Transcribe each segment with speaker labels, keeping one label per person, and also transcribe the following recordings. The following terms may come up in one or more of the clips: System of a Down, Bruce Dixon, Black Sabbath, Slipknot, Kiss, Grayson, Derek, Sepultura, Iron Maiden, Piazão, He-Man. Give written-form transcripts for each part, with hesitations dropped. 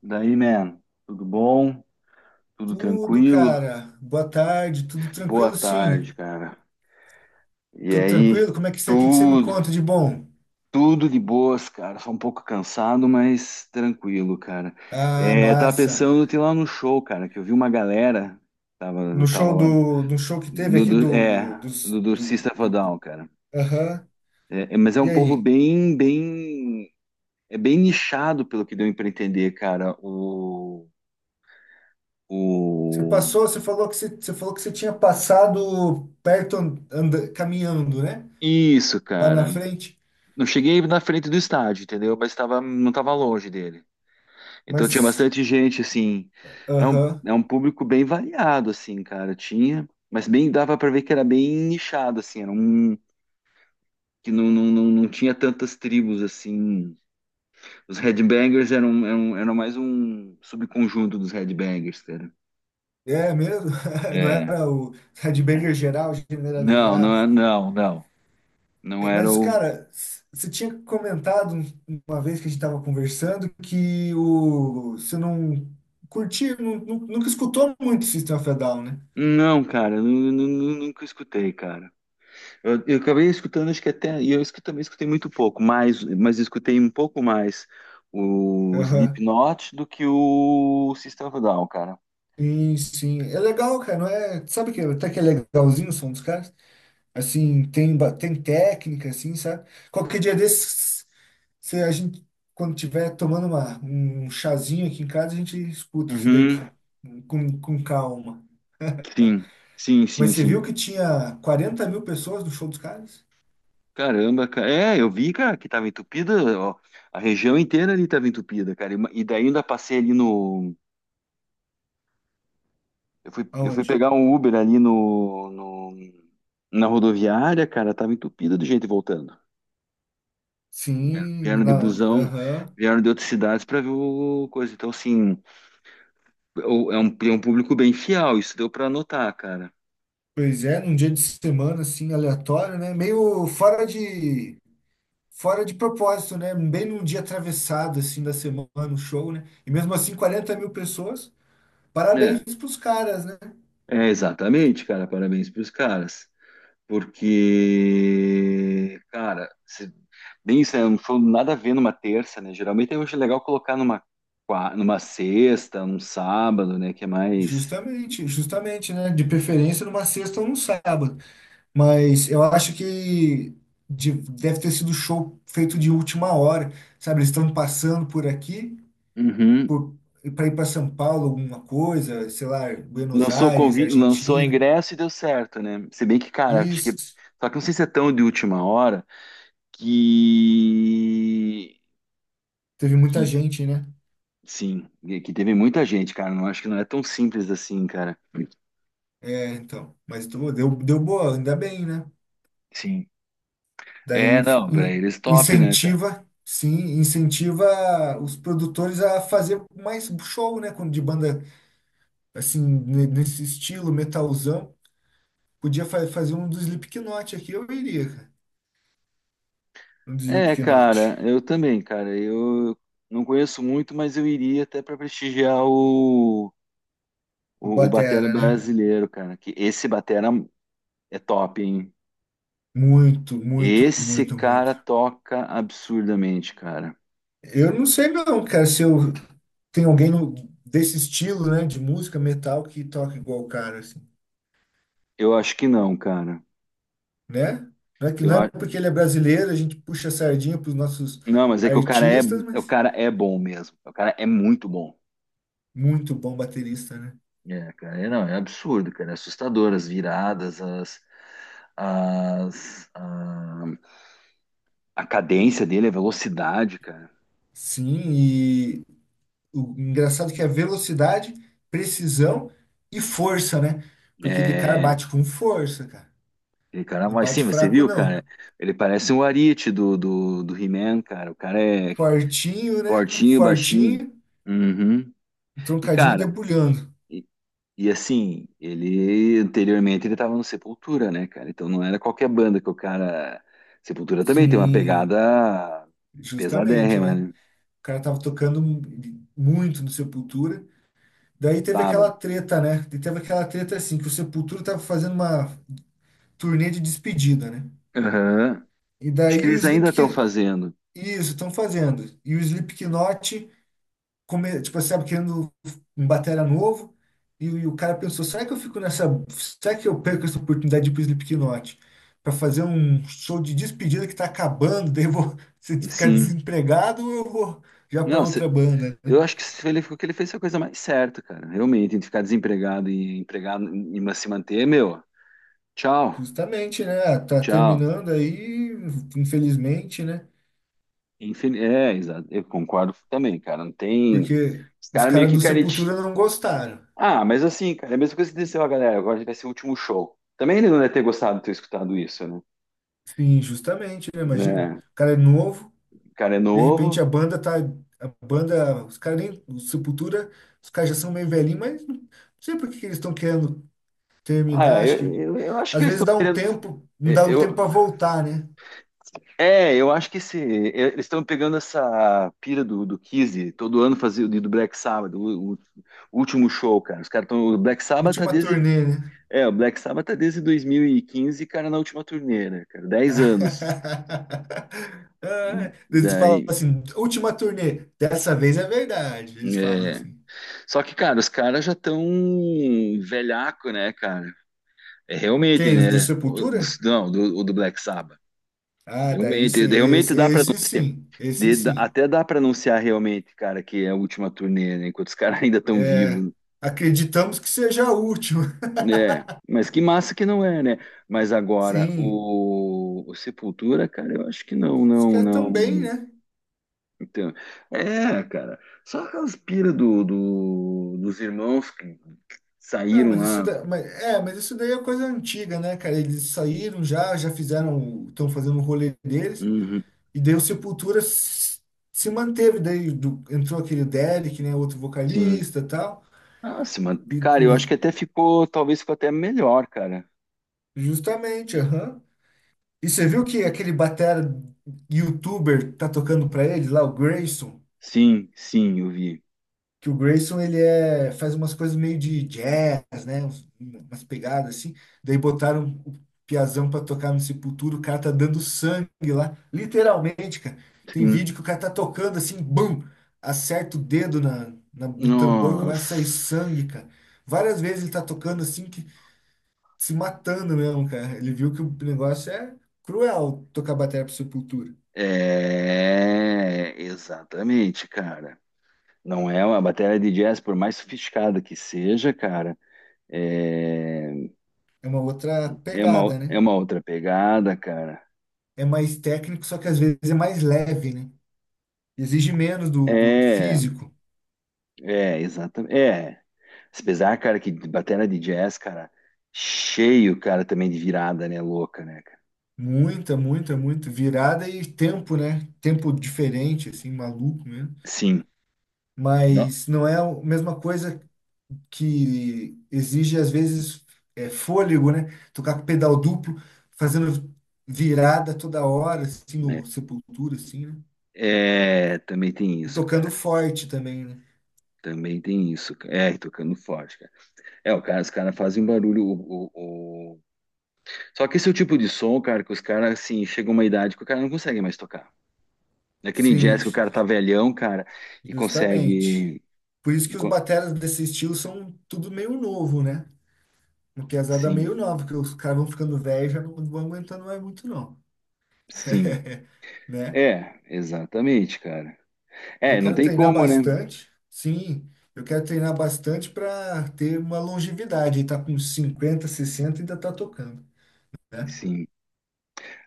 Speaker 1: Daí, man, tudo bom? Tudo
Speaker 2: Tudo,
Speaker 1: tranquilo?
Speaker 2: cara. Boa tarde. Tudo
Speaker 1: Boa
Speaker 2: tranquilo,
Speaker 1: tarde,
Speaker 2: sim.
Speaker 1: cara. E
Speaker 2: Tudo
Speaker 1: aí,
Speaker 2: tranquilo? Como é que que você me
Speaker 1: tudo,
Speaker 2: conta de bom?
Speaker 1: tudo de boas, cara. Só um pouco cansado, mas tranquilo, cara.
Speaker 2: Ah,
Speaker 1: É, tava
Speaker 2: massa.
Speaker 1: pensando em ir lá no show, cara, que eu vi uma galera, tava,
Speaker 2: No
Speaker 1: tava
Speaker 2: show
Speaker 1: lá,
Speaker 2: do show que teve
Speaker 1: do,
Speaker 2: aqui
Speaker 1: do-
Speaker 2: do,
Speaker 1: é,
Speaker 2: dos,
Speaker 1: do
Speaker 2: do,
Speaker 1: System of a Down, cara.
Speaker 2: aham.
Speaker 1: Mas é
Speaker 2: E
Speaker 1: um povo
Speaker 2: aí?
Speaker 1: bem, bem, é bem nichado, pelo que deu pra entender, cara,
Speaker 2: Você
Speaker 1: o-
Speaker 2: passou, você falou que você falou que você tinha passado perto caminhando, né?
Speaker 1: Isso,
Speaker 2: Lá na
Speaker 1: cara.
Speaker 2: frente.
Speaker 1: Não cheguei na frente do estádio, entendeu? Mas tava, não estava longe dele. Então tinha
Speaker 2: Mas,
Speaker 1: bastante gente, assim. É um,
Speaker 2: aham.
Speaker 1: é um público bem variado, assim, cara. Tinha, mas bem dava para ver que era bem nichado, assim. Era um que não tinha tantas tribos, assim. Os Headbangers eram mais um subconjunto dos Headbangers, cara.
Speaker 2: É mesmo? Não
Speaker 1: É.
Speaker 2: era o headbanger geral,
Speaker 1: Não, não,
Speaker 2: generalizado?
Speaker 1: não, não. Não era
Speaker 2: Mas,
Speaker 1: o.
Speaker 2: cara, você tinha comentado uma vez que a gente estava conversando que o, você não curtia, nunca escutou muito System of a Down, né?
Speaker 1: Não, cara, eu nunca escutei, cara. Eu acabei escutando, acho que até, e eu também escutei muito pouco, mas escutei um pouco mais o
Speaker 2: Aham.
Speaker 1: Slipknot do que o System of a Down, cara.
Speaker 2: Sim, sim. É legal, cara, não é? Sabe que até que é legalzinho o som dos caras? Assim, tem, tem técnica, assim, sabe? Qualquer dia desses, se a gente, quando tiver tomando um chazinho aqui em casa, a gente escuta isso daí
Speaker 1: Uhum,
Speaker 2: com calma.
Speaker 1: sim, sim,
Speaker 2: Mas
Speaker 1: sim,
Speaker 2: você viu
Speaker 1: sim.
Speaker 2: que tinha 40.000 pessoas no show dos caras?
Speaker 1: Caramba, cara. É, eu vi, cara, que tava entupida, ó, a região inteira ali tava entupida, cara, e, e daí ainda passei ali no, eu fui
Speaker 2: Aonde?
Speaker 1: pegar um Uber ali no, na rodoviária, cara, tava entupida de gente voltando. Vieram
Speaker 2: Sim,
Speaker 1: vieram
Speaker 2: na,
Speaker 1: de busão,
Speaker 2: aham.
Speaker 1: vieram de outras cidades pra ver o coisa, então assim... é um público bem fiel, isso deu para notar, cara.
Speaker 2: Pois é, num dia de semana, assim, aleatório, né? Meio fora de propósito, né? Bem num dia atravessado, assim, da semana, no show, né? E mesmo assim, 40.000 pessoas. Parabéns
Speaker 1: É,
Speaker 2: pros caras, né?
Speaker 1: exatamente, cara, parabéns para os caras, porque, cara, bem isso, né, não foi nada a ver numa terça, né? Geralmente eu acho legal colocar numa, numa sexta, num sábado, né? Que é mais.
Speaker 2: Justamente, justamente, né? De preferência numa sexta ou num sábado. Mas eu acho que deve ter sido show feito de última hora, sabe? Eles estão passando por aqui
Speaker 1: Uhum.
Speaker 2: por, para ir para São Paulo, alguma coisa, sei lá, Buenos Aires,
Speaker 1: Lançou
Speaker 2: Argentina.
Speaker 1: ingresso e deu certo, né? Se bem que, cara, acho que.
Speaker 2: Isso.
Speaker 1: Só que não sei se é tão de última hora que.
Speaker 2: Teve muita
Speaker 1: Que
Speaker 2: gente, né?
Speaker 1: Sim, e que teve muita gente, cara. Não acho que não é tão simples assim, cara.
Speaker 2: É, então. Mas pô, deu boa, ainda bem, né?
Speaker 1: Sim.
Speaker 2: Daí
Speaker 1: É, não, pra
Speaker 2: in-
Speaker 1: eles top, né, cara?
Speaker 2: incentiva, sim, incentiva os produtores a fazer mais show, né? Quando- De banda, assim, nesse estilo, metalzão. Podia fazer um do Slipknot aqui, eu iria, cara. Um do
Speaker 1: É,
Speaker 2: Slipknot.
Speaker 1: cara, eu também, cara. Eu não conheço muito, mas eu iria até para prestigiar o,
Speaker 2: O
Speaker 1: o, o batera
Speaker 2: Batera, né?
Speaker 1: brasileiro, cara. Que esse batera é top, hein?
Speaker 2: Muito, muito,
Speaker 1: Esse
Speaker 2: muito,
Speaker 1: cara
Speaker 2: muito.
Speaker 1: toca absurdamente, cara.
Speaker 2: Eu não sei não, cara, se eu tem alguém desse estilo, né, de música metal que toca igual o cara, assim,
Speaker 1: Eu acho que não, cara.
Speaker 2: né? Não é que
Speaker 1: Eu
Speaker 2: não é
Speaker 1: a...
Speaker 2: porque ele é brasileiro, a gente puxa a sardinha pros nossos
Speaker 1: Não, mas é que
Speaker 2: artistas,
Speaker 1: o
Speaker 2: mas
Speaker 1: cara é bom mesmo. O cara é muito bom.
Speaker 2: muito bom baterista, né?
Speaker 1: É, cara, é, não, é absurdo, cara, é assustador as viradas, as, a, a cadência dele, a velocidade, cara.
Speaker 2: Sim, e o engraçado é que é velocidade, precisão e força, né? Porque ele, cara,
Speaker 1: É,
Speaker 2: bate com força, cara.
Speaker 1: ele, cara,
Speaker 2: Não
Speaker 1: mas sim,
Speaker 2: bate
Speaker 1: você
Speaker 2: fraco,
Speaker 1: viu, cara?
Speaker 2: não.
Speaker 1: Ele parece um Arite do He-Man, cara. O cara é
Speaker 2: Fortinho, né?
Speaker 1: fortinho, baixinho.
Speaker 2: Fortinho,
Speaker 1: Uhum.
Speaker 2: um
Speaker 1: E,
Speaker 2: troncadinho e
Speaker 1: cara,
Speaker 2: debulhando.
Speaker 1: e, e assim, ele anteriormente ele tava no Sepultura, né, cara? Então não era qualquer banda que o cara. Sepultura também tem uma
Speaker 2: Sim,
Speaker 1: pegada
Speaker 2: justamente,
Speaker 1: pesadérrima,
Speaker 2: né?
Speaker 1: né?
Speaker 2: O cara tava tocando muito no Sepultura. Daí teve aquela
Speaker 1: Tava,
Speaker 2: treta, né? E teve aquela treta assim, que o Sepultura tava fazendo uma turnê de despedida, né?
Speaker 1: aham.
Speaker 2: E
Speaker 1: Acho que
Speaker 2: daí o
Speaker 1: eles ainda estão
Speaker 2: Slipknot...
Speaker 1: fazendo.
Speaker 2: Isso, estão fazendo. E o Slipknot come, tipo, assim, sabe, querendo um batera novo, e o cara pensou, será que eu fico nessa, será que eu perco essa oportunidade de ir pro Slipknot para fazer um show de despedida que tá acabando, daí eu vou se ficar
Speaker 1: Sim.
Speaker 2: desempregado ou eu vou já para
Speaker 1: Não,
Speaker 2: outra banda, né?
Speaker 1: eu acho que se ele, o que ele fez foi a coisa mais certa, cara. Realmente, entre ficar desempregado e empregado e se manter, meu, tchau,
Speaker 2: Justamente, né? Tá
Speaker 1: tchau.
Speaker 2: terminando aí, infelizmente, né?
Speaker 1: É, exato. Eu concordo também, cara. Não tem.
Speaker 2: Porque
Speaker 1: Os
Speaker 2: os
Speaker 1: caras meio
Speaker 2: caras
Speaker 1: que
Speaker 2: do
Speaker 1: careti.
Speaker 2: Sepultura não gostaram.
Speaker 1: Ah, mas assim, cara, é a mesma coisa que desceu a galera. Agora vai ser o último show. Também ele não deve ter gostado de ter escutado isso, né?
Speaker 2: Sim, justamente, né? Imagina.
Speaker 1: Né?
Speaker 2: O cara é novo.
Speaker 1: O cara é
Speaker 2: De repente
Speaker 1: novo.
Speaker 2: a banda tá. A banda, os caras nem. O Sepultura, os caras já são meio velhinhos, mas não sei por que que eles estão querendo
Speaker 1: Ah,
Speaker 2: terminar.
Speaker 1: é,
Speaker 2: Acho
Speaker 1: eu,
Speaker 2: que
Speaker 1: eu, eu acho que
Speaker 2: às
Speaker 1: eles
Speaker 2: vezes
Speaker 1: estão
Speaker 2: dá um
Speaker 1: querendo.
Speaker 2: tempo, não dá um tempo
Speaker 1: Eu,
Speaker 2: para voltar, né?
Speaker 1: É, eu acho que esse, é, eles estão pegando essa pira do Kiss, todo ano fazia do Black Sabbath, o último show, cara. Os caras estão. O Black Sabbath tá
Speaker 2: Última
Speaker 1: desde.
Speaker 2: turnê, né?
Speaker 1: É, o Black Sabbath tá desde 2015, cara, na última turnê, né, cara? 10 anos.
Speaker 2: Ah, eles falam
Speaker 1: Daí.
Speaker 2: assim, última turnê, dessa vez é verdade. Eles falam
Speaker 1: É.
Speaker 2: assim.
Speaker 1: Só que, cara, os caras já estão velhaco, né, cara? É realmente,
Speaker 2: Quem? Os do
Speaker 1: né? O, do-
Speaker 2: Sepultura?
Speaker 1: não, do, o do Black Sabbath.
Speaker 2: Ah, daí sim,
Speaker 1: Realmente, realmente
Speaker 2: esse,
Speaker 1: dá para
Speaker 2: esse sim, esse sim.
Speaker 1: Até dá para anunciar realmente, cara, que é a última turnê, né? Enquanto os caras ainda estão
Speaker 2: É,
Speaker 1: vivos,
Speaker 2: acreditamos que seja a última.
Speaker 1: né? É, mas que massa que não é, né? Mas agora,
Speaker 2: Sim.
Speaker 1: o Sepultura, cara, eu acho que não,
Speaker 2: Os
Speaker 1: não,
Speaker 2: caras tão bem,
Speaker 1: não.
Speaker 2: né?
Speaker 1: Então, é, cara, só aquelas pira dos irmãos que
Speaker 2: Ah,
Speaker 1: saíram lá.
Speaker 2: mas, é, mas isso daí é coisa antiga, né, cara? Eles saíram já, já fizeram, estão fazendo o rolê deles,
Speaker 1: Uhum,
Speaker 2: e daí o Sepultura se manteve, daí entrou aquele Derek, né, outro
Speaker 1: sim.
Speaker 2: vocalista e tal,
Speaker 1: Nossa, mano,
Speaker 2: e
Speaker 1: cara, eu acho que até ficou, talvez ficou até melhor, cara.
Speaker 2: justamente, aham. E você viu que aquele batera youtuber tá tocando pra ele lá, o Grayson?
Speaker 1: Sim, sim, eu vi.
Speaker 2: Que o Grayson ele é, faz umas coisas meio de jazz, né? Umas pegadas assim. Daí botaram o Piazão pra tocar no Sepultura, o cara tá dando sangue lá, literalmente, cara. Tem
Speaker 1: Sim.
Speaker 2: vídeo que o cara tá tocando assim, bum, acerta o dedo na, no tambor, começa a sair
Speaker 1: Nossa.
Speaker 2: sangue, cara. Várias vezes ele tá tocando assim, que se matando mesmo, cara. Ele viu que o negócio é cruel tocar bateria pro Sepultura.
Speaker 1: É, exatamente, cara. Não é uma bateria de jazz, por mais sofisticada que seja, cara. É,
Speaker 2: É uma outra pegada,
Speaker 1: é
Speaker 2: né?
Speaker 1: uma outra pegada, cara.
Speaker 2: É mais técnico, só que às vezes é mais leve, né? Exige menos do, do
Speaker 1: É,
Speaker 2: físico.
Speaker 1: Exatamente. É. Apesar, cara, que bateria de jazz, cara, cheio, cara, também de virada, né? Louca, né, cara?
Speaker 2: Muita, muita, muito. Virada e tempo, né? Tempo diferente, assim, maluco mesmo.
Speaker 1: Sim. Não,
Speaker 2: Mas não é a mesma coisa que exige, às vezes, é, fôlego, né? Tocar com pedal duplo, fazendo virada toda hora, assim,
Speaker 1: né?
Speaker 2: no Sepultura, assim, né?
Speaker 1: É, também tem
Speaker 2: E
Speaker 1: isso,
Speaker 2: tocando
Speaker 1: cara.
Speaker 2: forte também, né?
Speaker 1: Também tem isso, cara. É, tocando forte, cara. É, o cara, os caras fazem um barulho. O, só que esse é o tipo de som, cara, que os caras, assim, chega uma idade que o cara não consegue mais tocar. Naquele
Speaker 2: Sim,
Speaker 1: jazz que o cara tá velhão, cara, e
Speaker 2: justamente.
Speaker 1: consegue.
Speaker 2: Por isso
Speaker 1: e
Speaker 2: que os
Speaker 1: co-
Speaker 2: bateras desse estilo são tudo meio novo, né? Porque as hadas
Speaker 1: Sim,
Speaker 2: meio nova, porque os caras vão ficando velhos, já não vão aguentando mais muito, não.
Speaker 1: sim.
Speaker 2: Né?
Speaker 1: É, exatamente, cara.
Speaker 2: Eu
Speaker 1: É, não
Speaker 2: quero
Speaker 1: tem
Speaker 2: treinar
Speaker 1: como, né?
Speaker 2: bastante, sim. Eu quero treinar bastante para ter uma longevidade. E tá com 50, 60 e ainda tá tocando, né?
Speaker 1: Sim.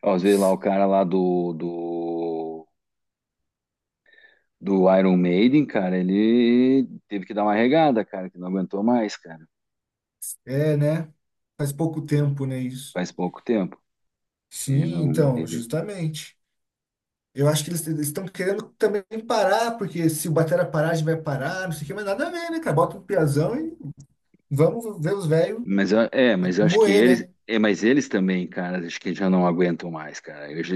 Speaker 1: Ó, às vezes lá o cara lá do Iron Maiden, cara, ele teve que dar uma regada, cara, que não aguentou mais, cara.
Speaker 2: É, né? Faz pouco tempo, né, isso.
Speaker 1: Faz pouco tempo. Ele
Speaker 2: Sim,
Speaker 1: não.
Speaker 2: então,
Speaker 1: Ele,
Speaker 2: justamente. Eu acho que eles estão querendo também parar, porque se o batera parar, a gente vai parar, não sei o que, mas nada a ver, né, cara? Bota um piazão e vamos ver os velhos
Speaker 1: mas é, mas eu acho que
Speaker 2: moer,
Speaker 1: eles,
Speaker 2: né?
Speaker 1: é, mas eles também, cara, acho que já não aguentam mais, cara.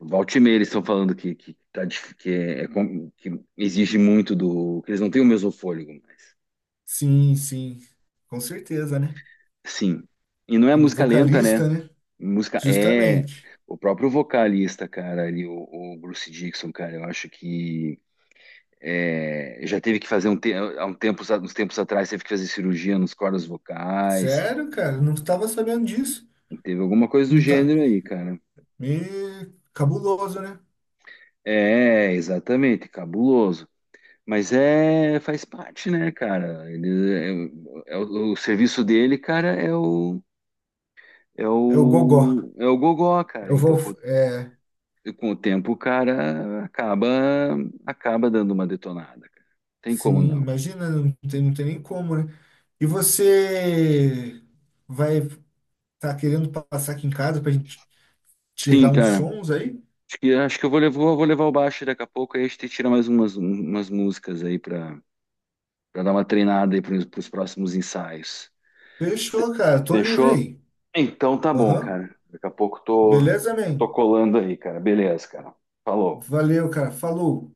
Speaker 1: Volta e meia eles estão falando que tá, que, é que exige muito do, que eles não têm o mesmo fôlego mais.
Speaker 2: Sim, sim, com certeza, né?
Speaker 1: Sim. E não é música lenta, né?
Speaker 2: Vocalista, né?
Speaker 1: Música é
Speaker 2: Justamente.
Speaker 1: o próprio vocalista, cara, ali, o Bruce Dixon, cara, eu acho que é, já teve que fazer um, há um tempo, uns tempos atrás, teve que fazer cirurgia nos cordas vocais,
Speaker 2: Sério, cara, não estava sabendo disso.
Speaker 1: teve alguma coisa do
Speaker 2: Não tá.
Speaker 1: gênero aí, cara.
Speaker 2: Me... Cabuloso, né?
Speaker 1: É, exatamente, cabuloso. Mas é, faz parte, né, cara? Ele, é o serviço dele, cara,
Speaker 2: É o gogó.
Speaker 1: é o gogó,
Speaker 2: Eu
Speaker 1: cara. Então,
Speaker 2: vou. É...
Speaker 1: com o tempo, o cara acaba, acaba dando uma detonada, cara. Tem como
Speaker 2: Sim,
Speaker 1: não.
Speaker 2: imagina, não tem, não tem nem como, né? E você vai tá querendo passar aqui em casa pra gente
Speaker 1: Sim,
Speaker 2: tirar uns
Speaker 1: cara.
Speaker 2: sons aí?
Speaker 1: Acho que eu vou levar o baixo daqui a pouco, aí a gente tira mais umas músicas aí pra dar uma treinada aí pros próximos ensaios.
Speaker 2: Fechou, cara. Tô livre
Speaker 1: Fechou?
Speaker 2: aí.
Speaker 1: Então tá bom,
Speaker 2: Aham.
Speaker 1: cara. Daqui a pouco
Speaker 2: Beleza,
Speaker 1: tô
Speaker 2: man?
Speaker 1: colando aí, cara. Beleza, cara. Falou.
Speaker 2: Valeu, cara. Falou.